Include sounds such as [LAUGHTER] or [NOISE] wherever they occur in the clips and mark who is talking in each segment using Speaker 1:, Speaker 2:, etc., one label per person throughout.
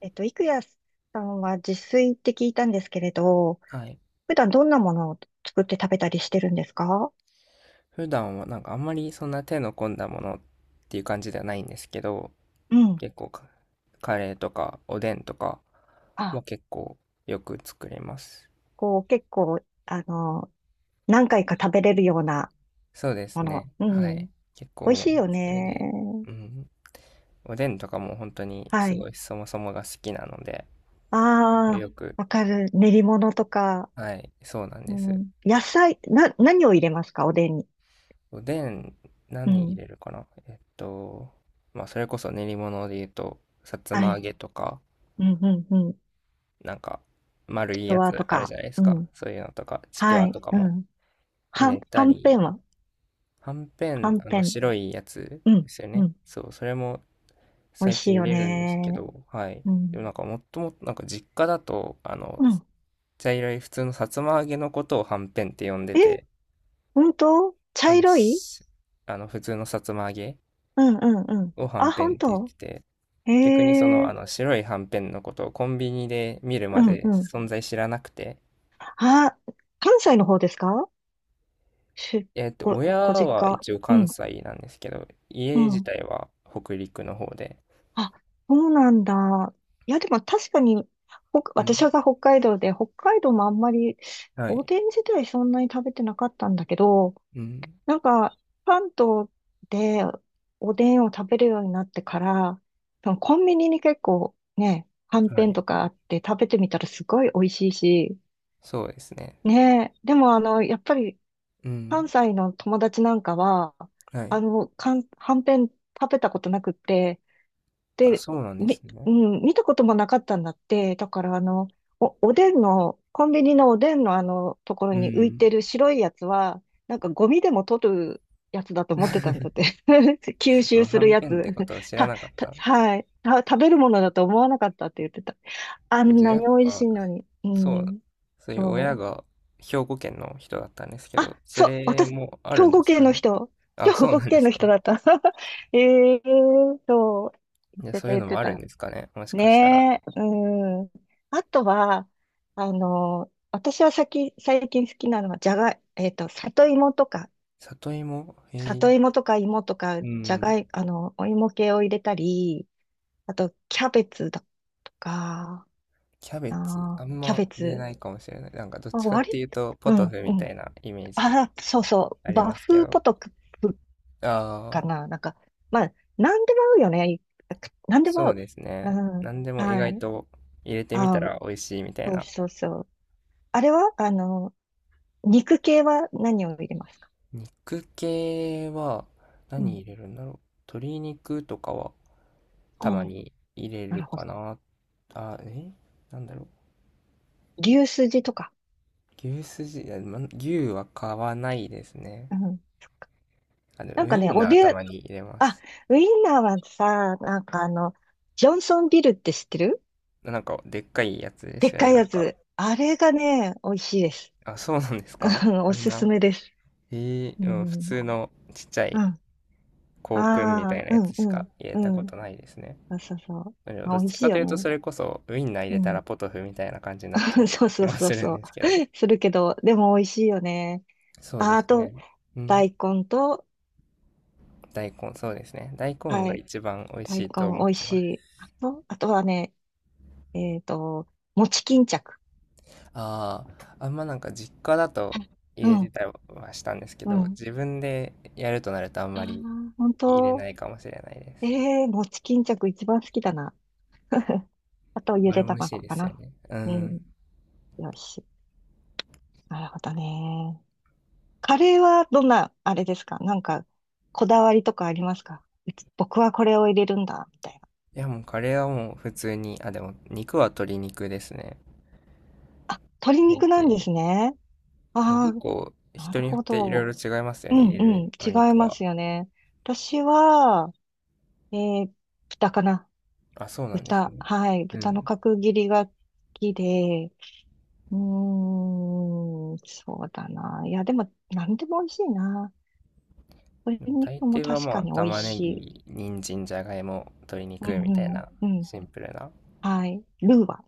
Speaker 1: 郁也さんは自炊って聞いたんですけれど、
Speaker 2: はい。
Speaker 1: 普段どんなものを作って食べたりしてるんですか？
Speaker 2: 普段はなんかあんまりそんな手の込んだものっていう感じではないんですけど、
Speaker 1: うん。
Speaker 2: 結構カレーとかおでんとかは
Speaker 1: あ、
Speaker 2: 結構よく作ります。
Speaker 1: こう結構、あの、何回か食べれるような
Speaker 2: そうです
Speaker 1: も
Speaker 2: ね。
Speaker 1: の。う
Speaker 2: は
Speaker 1: ん。
Speaker 2: い。結構
Speaker 1: 美味
Speaker 2: もう
Speaker 1: しいよ
Speaker 2: それ
Speaker 1: ね。
Speaker 2: で、うん。おでんとかも本当に
Speaker 1: は
Speaker 2: す
Speaker 1: い。
Speaker 2: ごいそもそもが好きなので、
Speaker 1: ああ、
Speaker 2: よく、
Speaker 1: わかる。練り物とか。
Speaker 2: はい、そうなん
Speaker 1: う
Speaker 2: です。
Speaker 1: ん。野菜、何を入れますか、おでんに？
Speaker 2: おでん
Speaker 1: う
Speaker 2: 何入
Speaker 1: ん。
Speaker 2: れるかなまあそれこそ練り物で言うと、さつ
Speaker 1: は
Speaker 2: ま揚
Speaker 1: い。
Speaker 2: げとか、
Speaker 1: うん、うん、うん。
Speaker 2: なんか、丸
Speaker 1: ち
Speaker 2: い
Speaker 1: く
Speaker 2: や
Speaker 1: わと
Speaker 2: つある
Speaker 1: か。
Speaker 2: じゃないです
Speaker 1: う
Speaker 2: か。
Speaker 1: ん。
Speaker 2: そういうのとか、ちく
Speaker 1: は
Speaker 2: わ
Speaker 1: い。
Speaker 2: とか
Speaker 1: う
Speaker 2: も
Speaker 1: ん。
Speaker 2: 入
Speaker 1: はん、
Speaker 2: れた
Speaker 1: はんぺん
Speaker 2: り、
Speaker 1: は
Speaker 2: はんぺ
Speaker 1: は
Speaker 2: ん、
Speaker 1: んぺん。
Speaker 2: 白いやつ
Speaker 1: うん。
Speaker 2: ですよ
Speaker 1: う
Speaker 2: ね。
Speaker 1: ん、
Speaker 2: そう、それも
Speaker 1: 美味
Speaker 2: 最
Speaker 1: しい
Speaker 2: 近入
Speaker 1: よ
Speaker 2: れるんですけ
Speaker 1: ね。
Speaker 2: ど、はい。
Speaker 1: う
Speaker 2: で
Speaker 1: ん。
Speaker 2: もなんか、もっともっと、実家だと、
Speaker 1: うん。
Speaker 2: 茶色い普通のさつま揚げのことをはんぺんって呼んで
Speaker 1: え、
Speaker 2: て、
Speaker 1: 本当？茶
Speaker 2: あの、
Speaker 1: 色い？
Speaker 2: しあの普通のさつま揚げ
Speaker 1: うんうんうん。
Speaker 2: をはん
Speaker 1: あ、
Speaker 2: ぺんっ
Speaker 1: 本
Speaker 2: て言っ
Speaker 1: 当？
Speaker 2: てて、
Speaker 1: へ
Speaker 2: 逆にあ
Speaker 1: え、
Speaker 2: の白いはんぺんのことをコンビニで見る
Speaker 1: う
Speaker 2: ま
Speaker 1: ん
Speaker 2: で
Speaker 1: うん。
Speaker 2: 存在知らなくて、
Speaker 1: あ、関西の方ですか？し、ご、
Speaker 2: 親
Speaker 1: ご実
Speaker 2: は
Speaker 1: 家。
Speaker 2: 一応
Speaker 1: う
Speaker 2: 関
Speaker 1: ん、
Speaker 2: 西なんですけど、
Speaker 1: う
Speaker 2: 家自
Speaker 1: ん。
Speaker 2: 体は北陸の方で。
Speaker 1: あ、そうなんだ。いや、でも確かに、
Speaker 2: う
Speaker 1: 私
Speaker 2: ん、
Speaker 1: が北海道で、北海道もあんまり、
Speaker 2: は
Speaker 1: お
Speaker 2: い。
Speaker 1: でん自体そんなに食べてなかったんだけど、
Speaker 2: うん、
Speaker 1: なんか、関東でおでんを食べるようになってから、多分コンビニに結構ね、はん
Speaker 2: は
Speaker 1: ぺん
Speaker 2: い。
Speaker 1: とかあって食べてみたらすごい美味しいし、
Speaker 2: そうですね。
Speaker 1: ねえ、でもやっぱり
Speaker 2: う
Speaker 1: 関
Speaker 2: ん、
Speaker 1: 西の友達なんかは、
Speaker 2: はい。
Speaker 1: はんぺん食べたことなくって、
Speaker 2: あ、
Speaker 1: で、
Speaker 2: そうなんですね。
Speaker 1: うん、見たこともなかったんだって、だからおでんの、コンビニのおでんのところ
Speaker 2: う
Speaker 1: に浮い
Speaker 2: ん。
Speaker 1: てる白いやつは、なんかゴミでも取るやつだと思ってたんだって。[LAUGHS] 吸
Speaker 2: う
Speaker 1: 収す
Speaker 2: は
Speaker 1: る
Speaker 2: ん
Speaker 1: や
Speaker 2: ぺんっ
Speaker 1: つ。
Speaker 2: てことは
Speaker 1: [LAUGHS]
Speaker 2: 知らなかった。
Speaker 1: はい。食べるものだと思わなかったって言ってた。あ
Speaker 2: え
Speaker 1: ん
Speaker 2: じゃあ
Speaker 1: な
Speaker 2: や
Speaker 1: に
Speaker 2: っ
Speaker 1: 美味し
Speaker 2: ぱ、
Speaker 1: いのに。う
Speaker 2: そう、
Speaker 1: ん。
Speaker 2: そういう
Speaker 1: そ
Speaker 2: 親
Speaker 1: う。
Speaker 2: が兵庫県の人だったんですけど、
Speaker 1: あ、
Speaker 2: そ
Speaker 1: そう、
Speaker 2: れ
Speaker 1: 私、
Speaker 2: もあ
Speaker 1: 兵
Speaker 2: るんで
Speaker 1: 庫
Speaker 2: す
Speaker 1: 県
Speaker 2: か
Speaker 1: の
Speaker 2: ね。
Speaker 1: 人。兵
Speaker 2: あ、そう
Speaker 1: 庫
Speaker 2: なんで
Speaker 1: 県
Speaker 2: す
Speaker 1: の人
Speaker 2: か。
Speaker 1: だった。[LAUGHS] ええ、そう。言
Speaker 2: じ
Speaker 1: っ
Speaker 2: ゃあ
Speaker 1: て
Speaker 2: そう
Speaker 1: た、
Speaker 2: いう
Speaker 1: 言っ
Speaker 2: のも
Speaker 1: て
Speaker 2: あるん
Speaker 1: た。
Speaker 2: ですかね。もしかしたら。
Speaker 1: ねえ、うん。あとは、私は最近、最近好きなのは、じゃがい、里芋とか、
Speaker 2: 里芋へえ。
Speaker 1: 里芋とか芋とか、
Speaker 2: う
Speaker 1: じゃ
Speaker 2: ん。
Speaker 1: がい、お芋系を入れたり、あと、キャベツだとか、
Speaker 2: キャベツ、あ
Speaker 1: あ
Speaker 2: ん
Speaker 1: ー、キャ
Speaker 2: ま
Speaker 1: ベ
Speaker 2: 入れ
Speaker 1: ツ。
Speaker 2: ないかもしれない。なんかどっ
Speaker 1: あ、
Speaker 2: ちかって
Speaker 1: 割
Speaker 2: いう
Speaker 1: と、
Speaker 2: と、ポ
Speaker 1: う
Speaker 2: ト
Speaker 1: ん、
Speaker 2: フ
Speaker 1: う
Speaker 2: みた
Speaker 1: ん。
Speaker 2: いなイメージ
Speaker 1: あ、そうそ
Speaker 2: あ
Speaker 1: う、
Speaker 2: り
Speaker 1: 和
Speaker 2: ますけ
Speaker 1: 風
Speaker 2: ど。
Speaker 1: ポトクか
Speaker 2: ああ、
Speaker 1: な、なんか、まあ、なんでも合うよね。なんでも
Speaker 2: そ
Speaker 1: 合
Speaker 2: う
Speaker 1: う。
Speaker 2: です
Speaker 1: う
Speaker 2: ね。な
Speaker 1: ん、
Speaker 2: んでも意
Speaker 1: は
Speaker 2: 外
Speaker 1: い。
Speaker 2: と入れてみ
Speaker 1: 合
Speaker 2: た
Speaker 1: う。
Speaker 2: ら美味しいみたい
Speaker 1: そう
Speaker 2: な。
Speaker 1: そうそう。あれは肉系は何を入れますか？
Speaker 2: 肉系は
Speaker 1: う
Speaker 2: 何
Speaker 1: ん。
Speaker 2: 入れるんだろう。鶏肉とかはたま
Speaker 1: ああ、
Speaker 2: に入れ
Speaker 1: な
Speaker 2: る
Speaker 1: るほど。
Speaker 2: かな。あ、えなんだろ
Speaker 1: 牛すじとか。
Speaker 2: う。牛すじ、あま牛は買わないですね。
Speaker 1: うん。なん
Speaker 2: ウ
Speaker 1: か
Speaker 2: イ
Speaker 1: ね、
Speaker 2: ンナーたまに入れま
Speaker 1: あ、
Speaker 2: す。
Speaker 1: ウインナーはさ、なんかジョンソンビルって知ってる？
Speaker 2: なんか、でっかいやつで
Speaker 1: で
Speaker 2: す
Speaker 1: っ
Speaker 2: よね。
Speaker 1: かい
Speaker 2: なん
Speaker 1: や
Speaker 2: か、
Speaker 1: つ。あれがね、美味しいです。
Speaker 2: あ、そうなんですか
Speaker 1: うん、お
Speaker 2: あん
Speaker 1: すす
Speaker 2: な、
Speaker 1: めです。
Speaker 2: え
Speaker 1: う
Speaker 2: えうん、普
Speaker 1: ん。
Speaker 2: 通のちっちゃ
Speaker 1: う
Speaker 2: い
Speaker 1: ん。あ
Speaker 2: 香薫みた
Speaker 1: あ、
Speaker 2: いな
Speaker 1: う
Speaker 2: やつ
Speaker 1: ん、
Speaker 2: し
Speaker 1: う
Speaker 2: か
Speaker 1: ん、
Speaker 2: 入れた
Speaker 1: う
Speaker 2: こと
Speaker 1: ん。
Speaker 2: ないですね。
Speaker 1: そうそうそう。
Speaker 2: でもど
Speaker 1: あ、
Speaker 2: っ
Speaker 1: 美味
Speaker 2: ち
Speaker 1: しい
Speaker 2: かと
Speaker 1: よ
Speaker 2: いうと、
Speaker 1: ね。
Speaker 2: それこそウインナー入
Speaker 1: う
Speaker 2: れたら
Speaker 1: ん。
Speaker 2: ポトフみたいな感じになっちゃ
Speaker 1: [LAUGHS]
Speaker 2: う
Speaker 1: そうそ
Speaker 2: 気
Speaker 1: う
Speaker 2: は
Speaker 1: そう
Speaker 2: するん
Speaker 1: そう。
Speaker 2: ですけど。
Speaker 1: するけど、でも美味しいよね。
Speaker 2: そう
Speaker 1: あ、
Speaker 2: で
Speaker 1: あ
Speaker 2: す
Speaker 1: と、
Speaker 2: ね。うん、
Speaker 1: 大根と、
Speaker 2: 大根、そうですね。大根
Speaker 1: は
Speaker 2: が
Speaker 1: い。
Speaker 2: 一番美味
Speaker 1: 大
Speaker 2: し
Speaker 1: 根
Speaker 2: いと思
Speaker 1: 美
Speaker 2: っ
Speaker 1: 味
Speaker 2: て
Speaker 1: し
Speaker 2: ます。
Speaker 1: い。あと、あとはね、えっと、餅巾着。
Speaker 2: ああ、あんまなんか実家だ
Speaker 1: は
Speaker 2: と
Speaker 1: い、
Speaker 2: 入
Speaker 1: う
Speaker 2: れて
Speaker 1: ん、
Speaker 2: たりはしたんですけ
Speaker 1: う
Speaker 2: ど、
Speaker 1: ん。
Speaker 2: 自分でやるとなるとあん
Speaker 1: あ
Speaker 2: ま
Speaker 1: あ、
Speaker 2: り
Speaker 1: 本
Speaker 2: 入れな
Speaker 1: 当。
Speaker 2: いかもしれないです。
Speaker 1: ええー、餅巾着一番好きだな。[LAUGHS] あと、ゆ
Speaker 2: あれ
Speaker 1: で
Speaker 2: も美味し
Speaker 1: 卵
Speaker 2: いで
Speaker 1: か
Speaker 2: すよ
Speaker 1: な。
Speaker 2: ね。う
Speaker 1: うん。
Speaker 2: ん。
Speaker 1: よし。なるほどね。カレーはどんな、あれですか、なんか、こだわりとかありますか？うち僕はこれを入れるんだ、みたいな。
Speaker 2: いや、もうカレーはもう普通に、あ、でも肉は鶏肉ですね。
Speaker 1: あ、鶏
Speaker 2: 入っ
Speaker 1: 肉なんで
Speaker 2: て、
Speaker 1: すね。
Speaker 2: あ
Speaker 1: ああ、
Speaker 2: 結構
Speaker 1: な
Speaker 2: 人
Speaker 1: る
Speaker 2: によっ
Speaker 1: ほ
Speaker 2: ていろ
Speaker 1: ど。
Speaker 2: いろ違いますよ
Speaker 1: う
Speaker 2: ね、
Speaker 1: ん、
Speaker 2: 入れる
Speaker 1: うん。
Speaker 2: お
Speaker 1: 違い
Speaker 2: 肉
Speaker 1: ま
Speaker 2: は。
Speaker 1: すよね。私は、えー、豚かな、
Speaker 2: あ、そうなんです
Speaker 1: 豚。
Speaker 2: ね。
Speaker 1: はい。
Speaker 2: う
Speaker 1: 豚の
Speaker 2: ん。
Speaker 1: 角切りが好きで。うーん、そうだな。いや、でも、なんでも美味しいな。鶏
Speaker 2: でも大
Speaker 1: 肉も
Speaker 2: 抵は
Speaker 1: 確
Speaker 2: ま
Speaker 1: か
Speaker 2: あ
Speaker 1: に美味
Speaker 2: 玉ね
Speaker 1: しい。
Speaker 2: ぎ、人参、じゃがいも、鶏
Speaker 1: う
Speaker 2: 肉みたい
Speaker 1: ん、
Speaker 2: な
Speaker 1: うん、うん。
Speaker 2: シンプルな
Speaker 1: はい。ルーは、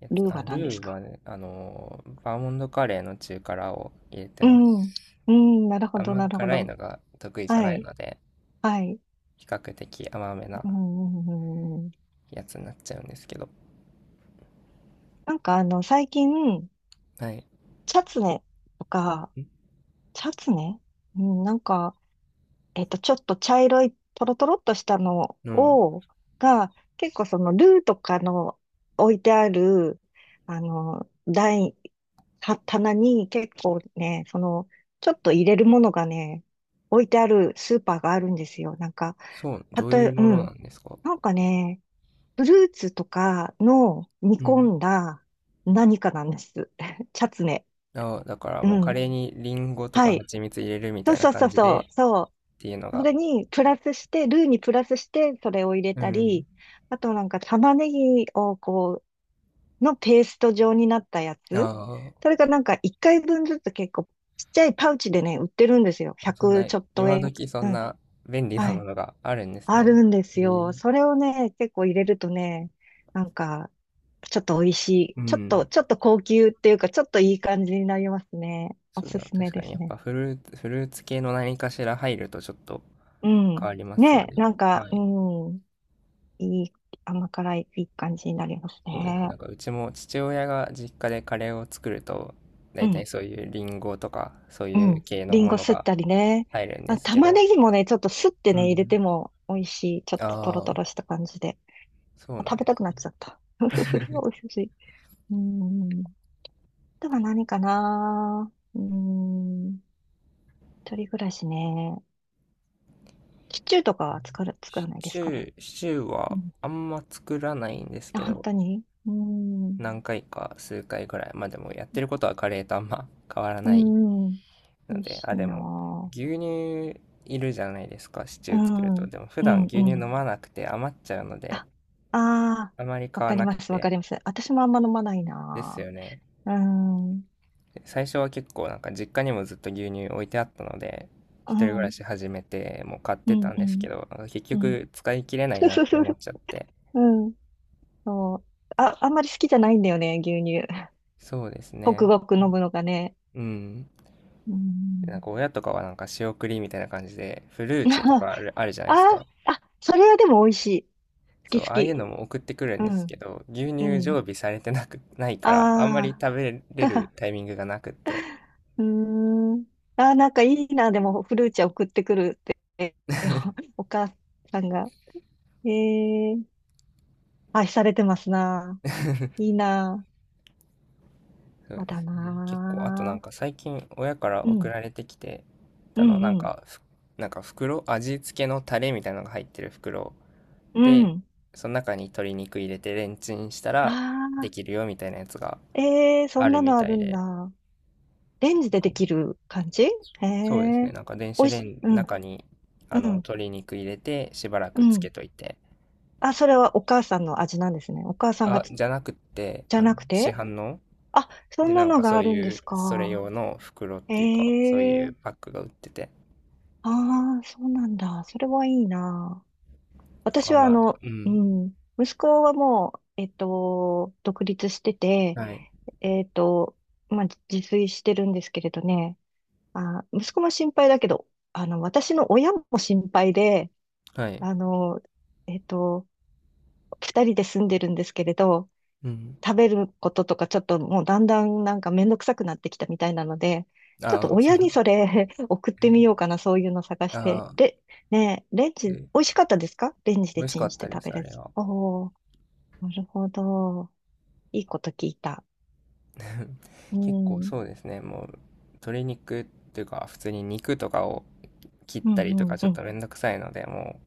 Speaker 2: やつ。
Speaker 1: ルー
Speaker 2: あ、
Speaker 1: は何で
Speaker 2: ル
Speaker 1: す
Speaker 2: ー
Speaker 1: か？
Speaker 2: はね、あのーバーモンドカレーの中辛を入れて
Speaker 1: う
Speaker 2: ま
Speaker 1: ん、
Speaker 2: す。
Speaker 1: うん、なるほ
Speaker 2: あん
Speaker 1: ど、
Speaker 2: ま
Speaker 1: なるほ
Speaker 2: 辛い
Speaker 1: ど。
Speaker 2: のが得意じゃ
Speaker 1: は
Speaker 2: ない
Speaker 1: い、
Speaker 2: ので、
Speaker 1: はい。
Speaker 2: 比較的甘め
Speaker 1: う
Speaker 2: な
Speaker 1: ん、うん、うん、
Speaker 2: やつになっちゃうんですけど。
Speaker 1: なんか、最近、
Speaker 2: はい。
Speaker 1: チャツネとか、
Speaker 2: ん
Speaker 1: チャツネ、うん、なんか、ちょっと茶色いトロトロっとしたの
Speaker 2: うん。
Speaker 1: を、が、結構そのルーとかの置いてある、台、は棚に結構ね、その、ちょっと入れるものがね、置いてあるスーパーがあるんですよ。なんか、
Speaker 2: そう、
Speaker 1: た
Speaker 2: どう
Speaker 1: と
Speaker 2: いう
Speaker 1: え、
Speaker 2: も
Speaker 1: う
Speaker 2: のな
Speaker 1: ん。
Speaker 2: んですか？
Speaker 1: なんかね、フルーツとかの煮
Speaker 2: うん。
Speaker 1: 込んだ何かなんです。[LAUGHS] チャツネ。
Speaker 2: あ、だから
Speaker 1: う
Speaker 2: もうカ
Speaker 1: ん。
Speaker 2: レーにリンゴと
Speaker 1: は
Speaker 2: か
Speaker 1: い。
Speaker 2: 蜂蜜入れるみ
Speaker 1: そ
Speaker 2: た
Speaker 1: う
Speaker 2: いな
Speaker 1: そうそ
Speaker 2: 感
Speaker 1: う
Speaker 2: じで
Speaker 1: そう。そ
Speaker 2: ていうの
Speaker 1: う。そ
Speaker 2: が、
Speaker 1: れにプラスして、ルーにプラスして、それを入れ
Speaker 2: う
Speaker 1: た
Speaker 2: ん。
Speaker 1: り、あとなんか玉ねぎをのペースト状になったやつ。
Speaker 2: あ
Speaker 1: それがなんか1回分ずつ結構ちっちゃいパウチでね、売ってるんですよ。
Speaker 2: あ、そん
Speaker 1: 100
Speaker 2: な、
Speaker 1: ちょっと
Speaker 2: 今
Speaker 1: 円。
Speaker 2: 時そ
Speaker 1: う
Speaker 2: ん
Speaker 1: ん。
Speaker 2: な便利な
Speaker 1: は
Speaker 2: も
Speaker 1: い。
Speaker 2: のがあるんです
Speaker 1: あ
Speaker 2: ね。
Speaker 1: るんで
Speaker 2: え
Speaker 1: すよ。
Speaker 2: ー、
Speaker 1: それをね、結構入れるとね、なんか、ちょっと美味しい。
Speaker 2: う
Speaker 1: ちょっと、
Speaker 2: ん。
Speaker 1: ちょっと高級っていうか、ちょっといい感じになりますね。お
Speaker 2: そうだ
Speaker 1: す
Speaker 2: な、
Speaker 1: すめ
Speaker 2: 確か
Speaker 1: で
Speaker 2: に
Speaker 1: す
Speaker 2: やっぱ
Speaker 1: ね。
Speaker 2: フルーツ系の何かしら入るとちょっと
Speaker 1: う
Speaker 2: 変わ
Speaker 1: ん。
Speaker 2: りますよ
Speaker 1: ね、
Speaker 2: ね。
Speaker 1: なんか、
Speaker 2: は
Speaker 1: う
Speaker 2: い。
Speaker 1: ん。いい、甘辛い、いい感じになります
Speaker 2: そうです。
Speaker 1: ね。
Speaker 2: なんかうちも父親が実家でカレーを作ると、
Speaker 1: う
Speaker 2: 大体
Speaker 1: ん、
Speaker 2: そういうリンゴとかそう
Speaker 1: う
Speaker 2: いう
Speaker 1: ん。
Speaker 2: 系の
Speaker 1: リン
Speaker 2: も
Speaker 1: ゴ
Speaker 2: の
Speaker 1: すっ
Speaker 2: が
Speaker 1: たりね。
Speaker 2: 入るんで
Speaker 1: あ、
Speaker 2: すけ
Speaker 1: 玉
Speaker 2: ど、
Speaker 1: ねぎもね、ちょっとすって
Speaker 2: う
Speaker 1: ね、入れ
Speaker 2: ん。
Speaker 1: ても美味しい。ちょっとトロ
Speaker 2: ああ、
Speaker 1: トロした感じで。
Speaker 2: そう
Speaker 1: あ、
Speaker 2: な
Speaker 1: 食
Speaker 2: ん
Speaker 1: べ
Speaker 2: で
Speaker 1: たく
Speaker 2: す。
Speaker 1: なっちゃった。[LAUGHS] ふふふ、美味しい。うん。あとは何かな、うん。一人暮らしね。シチューとかは作る、作ら
Speaker 2: シ
Speaker 1: ないで
Speaker 2: チ
Speaker 1: すか
Speaker 2: ュ
Speaker 1: ね？
Speaker 2: ー、シチュー
Speaker 1: う
Speaker 2: は
Speaker 1: ん。
Speaker 2: あんま作らないんです
Speaker 1: あ、
Speaker 2: け
Speaker 1: 本
Speaker 2: ど、
Speaker 1: 当に、うん。
Speaker 2: 何回か数回ぐらい。まあでもやってることはカレーとあんま変わら
Speaker 1: う
Speaker 2: ない
Speaker 1: ん。美
Speaker 2: の
Speaker 1: 味
Speaker 2: で、
Speaker 1: し
Speaker 2: あ、
Speaker 1: い
Speaker 2: でも
Speaker 1: な
Speaker 2: 牛乳いるじゃないですか、シチ
Speaker 1: ぁ。う
Speaker 2: ュー作る
Speaker 1: ん。
Speaker 2: と。でも普
Speaker 1: う
Speaker 2: 段
Speaker 1: ん、
Speaker 2: 牛
Speaker 1: う
Speaker 2: 乳飲
Speaker 1: ん。
Speaker 2: まなくて余っちゃうので、
Speaker 1: ああ、あ、
Speaker 2: あまり
Speaker 1: わ
Speaker 2: 買わ
Speaker 1: かり
Speaker 2: なく
Speaker 1: ます、わ
Speaker 2: て。
Speaker 1: かります。私もあんま飲まない
Speaker 2: です
Speaker 1: な。
Speaker 2: よね。
Speaker 1: うーん、う
Speaker 2: 最初は結構なんか実家にもずっと牛乳置いてあったので、一
Speaker 1: ん、
Speaker 2: 人暮
Speaker 1: う
Speaker 2: ら
Speaker 1: ん、
Speaker 2: し始めてもう買っ
Speaker 1: う
Speaker 2: て
Speaker 1: ん、
Speaker 2: たん
Speaker 1: う
Speaker 2: です
Speaker 1: ん。
Speaker 2: けど、なんか結局使い切れないなって思っ
Speaker 1: [LAUGHS]
Speaker 2: ちゃって。
Speaker 1: うん、そう。あ、あんまり好きじゃないんだよね、牛乳。[LAUGHS]
Speaker 2: そうです
Speaker 1: ごク
Speaker 2: ね。
Speaker 1: ごク飲むのがね。
Speaker 2: うん。
Speaker 1: うん。
Speaker 2: なんか親とかはなんか仕送りみたいな感じで、フルーチェと
Speaker 1: [LAUGHS]
Speaker 2: かある、あるじゃないです
Speaker 1: あ
Speaker 2: か。
Speaker 1: あ、あ、それはでも美味しい。好
Speaker 2: そう、
Speaker 1: き好
Speaker 2: ああいう
Speaker 1: き。
Speaker 2: のも送ってくる
Speaker 1: う
Speaker 2: んです
Speaker 1: ん、
Speaker 2: けど、牛
Speaker 1: う
Speaker 2: 乳
Speaker 1: ん。
Speaker 2: 常備されてなく、ないから、あんまり
Speaker 1: ああ、
Speaker 2: 食べれるタイミングがなくって。
Speaker 1: [LAUGHS] うーん。ああ、なんかいいな、でも、フルーチェ送ってくるって、[LAUGHS] お母さんが。ええ、愛されてますな。いいな。
Speaker 2: そう
Speaker 1: そう
Speaker 2: で
Speaker 1: だ
Speaker 2: すね。結構、あとなん
Speaker 1: な。
Speaker 2: か最近親から
Speaker 1: う
Speaker 2: 送
Speaker 1: ん、
Speaker 2: られてきて
Speaker 1: う
Speaker 2: たの、
Speaker 1: ん、うん、
Speaker 2: なんか袋、味付けのタレみたいなのが入ってる袋
Speaker 1: う
Speaker 2: で、
Speaker 1: ん。
Speaker 2: その中に鶏肉入れてレンチンした
Speaker 1: あ
Speaker 2: らでき
Speaker 1: あ、
Speaker 2: るよみたいなやつが
Speaker 1: ええ、そ
Speaker 2: あ
Speaker 1: ん
Speaker 2: る
Speaker 1: な
Speaker 2: み
Speaker 1: のあ
Speaker 2: た
Speaker 1: る
Speaker 2: い
Speaker 1: ん
Speaker 2: で、
Speaker 1: だ。レンジでで
Speaker 2: こ
Speaker 1: きる感じ？へ
Speaker 2: そうです
Speaker 1: え。
Speaker 2: ね。なんか電
Speaker 1: お
Speaker 2: 子
Speaker 1: い
Speaker 2: レ
Speaker 1: し、
Speaker 2: ンジ
Speaker 1: う
Speaker 2: の
Speaker 1: ん、
Speaker 2: 中に
Speaker 1: う
Speaker 2: あの
Speaker 1: ん、
Speaker 2: 鶏肉入れてしばらく
Speaker 1: う
Speaker 2: つ
Speaker 1: ん。
Speaker 2: けといて。
Speaker 1: あ、それはお母さんの味なんですね。お母さんが
Speaker 2: あ、
Speaker 1: つ
Speaker 2: じゃなくって
Speaker 1: じ
Speaker 2: あ
Speaker 1: ゃ
Speaker 2: の
Speaker 1: なく
Speaker 2: 市
Speaker 1: て、
Speaker 2: 販の
Speaker 1: あ、そ
Speaker 2: で
Speaker 1: ん
Speaker 2: な
Speaker 1: な
Speaker 2: ん
Speaker 1: の
Speaker 2: かそ
Speaker 1: があ
Speaker 2: う
Speaker 1: るんで
Speaker 2: いう
Speaker 1: す
Speaker 2: それ
Speaker 1: か。
Speaker 2: 用の袋っ
Speaker 1: え
Speaker 2: ていうかそういう
Speaker 1: え、
Speaker 2: パックが売ってて。
Speaker 1: ああ、そうなんだ。それはいいな。私は
Speaker 2: う
Speaker 1: う
Speaker 2: ん。
Speaker 1: ん、息子はもう、独立してて、
Speaker 2: はい。
Speaker 1: えっと、まあ、自炊してるんですけれどね、あ、息子も心配だけど、私の親も心配で、
Speaker 2: はい。
Speaker 1: あの、えっと、二人で住んでるんですけれど、
Speaker 2: うん。
Speaker 1: 食べることとかちょっともうだんだんなんかめんどくさくなってきたみたいなので、ちょっと
Speaker 2: ああ、
Speaker 1: 親にそれ [LAUGHS] 送ってみようかな、そういうの探して。
Speaker 2: ああ、
Speaker 1: で、ねえ、レンジ、
Speaker 2: で
Speaker 1: 美味しかったですか、レンジ
Speaker 2: 美
Speaker 1: で
Speaker 2: 味し
Speaker 1: チ
Speaker 2: か
Speaker 1: ン
Speaker 2: っ
Speaker 1: し
Speaker 2: た
Speaker 1: て
Speaker 2: で
Speaker 1: 食べ
Speaker 2: す、あ
Speaker 1: るや
Speaker 2: れ
Speaker 1: つ。
Speaker 2: は。
Speaker 1: おー、なるほど。いいこと聞いた。う
Speaker 2: [LAUGHS] 結構
Speaker 1: ん。
Speaker 2: そうですね。もう鶏肉っていうか普通に肉とかを切っ
Speaker 1: うん
Speaker 2: た
Speaker 1: う
Speaker 2: りとか
Speaker 1: ん
Speaker 2: ち
Speaker 1: う
Speaker 2: ょっ
Speaker 1: ん。
Speaker 2: とめんどくさいので、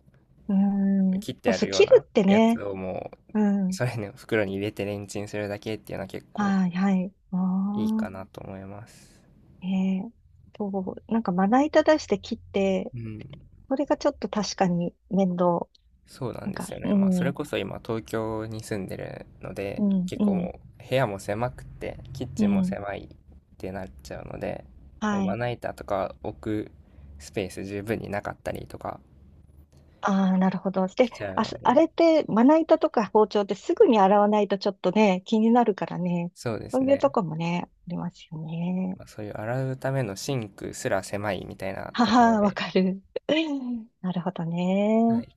Speaker 1: うん。
Speaker 2: 切ってあ
Speaker 1: そ
Speaker 2: る
Speaker 1: う、
Speaker 2: よう
Speaker 1: 切
Speaker 2: な
Speaker 1: るって
Speaker 2: やつ
Speaker 1: ね。
Speaker 2: をも
Speaker 1: う
Speaker 2: う、
Speaker 1: ん。
Speaker 2: それの袋に入れてレンチンするだけっていうのは結構
Speaker 1: はい、はい。あ
Speaker 2: いいか
Speaker 1: あ、
Speaker 2: なと思います。
Speaker 1: ええ、そう、なんかまな板出して切って、
Speaker 2: うん。
Speaker 1: それがちょっと確かに面倒。
Speaker 2: そうなん
Speaker 1: なん
Speaker 2: で
Speaker 1: か、
Speaker 2: すよ
Speaker 1: う
Speaker 2: ね。まあ、
Speaker 1: ん、
Speaker 2: そ
Speaker 1: う
Speaker 2: れ
Speaker 1: ん、
Speaker 2: こそ今東京に住んでるので、
Speaker 1: う
Speaker 2: 結構
Speaker 1: ん、
Speaker 2: もう部屋も狭くて、キッ
Speaker 1: う
Speaker 2: チンも
Speaker 1: ん。
Speaker 2: 狭いってなっちゃうので、も
Speaker 1: は
Speaker 2: うま
Speaker 1: い。
Speaker 2: な板とか置くスペース十分になかったりとか
Speaker 1: ああ、なるほど。で、
Speaker 2: しちゃうの
Speaker 1: あ
Speaker 2: で、
Speaker 1: れって、まな板とか包丁ってすぐに洗わないとちょっとね、気になるからね。
Speaker 2: そうです
Speaker 1: そういう
Speaker 2: ね。
Speaker 1: とこもね、ありますよね。
Speaker 2: まあ、そういう洗うためのシンクすら狭いみたいな
Speaker 1: は
Speaker 2: ところ
Speaker 1: は、わ
Speaker 2: で、
Speaker 1: かる。[LAUGHS] なるほど
Speaker 2: は
Speaker 1: ね。
Speaker 2: い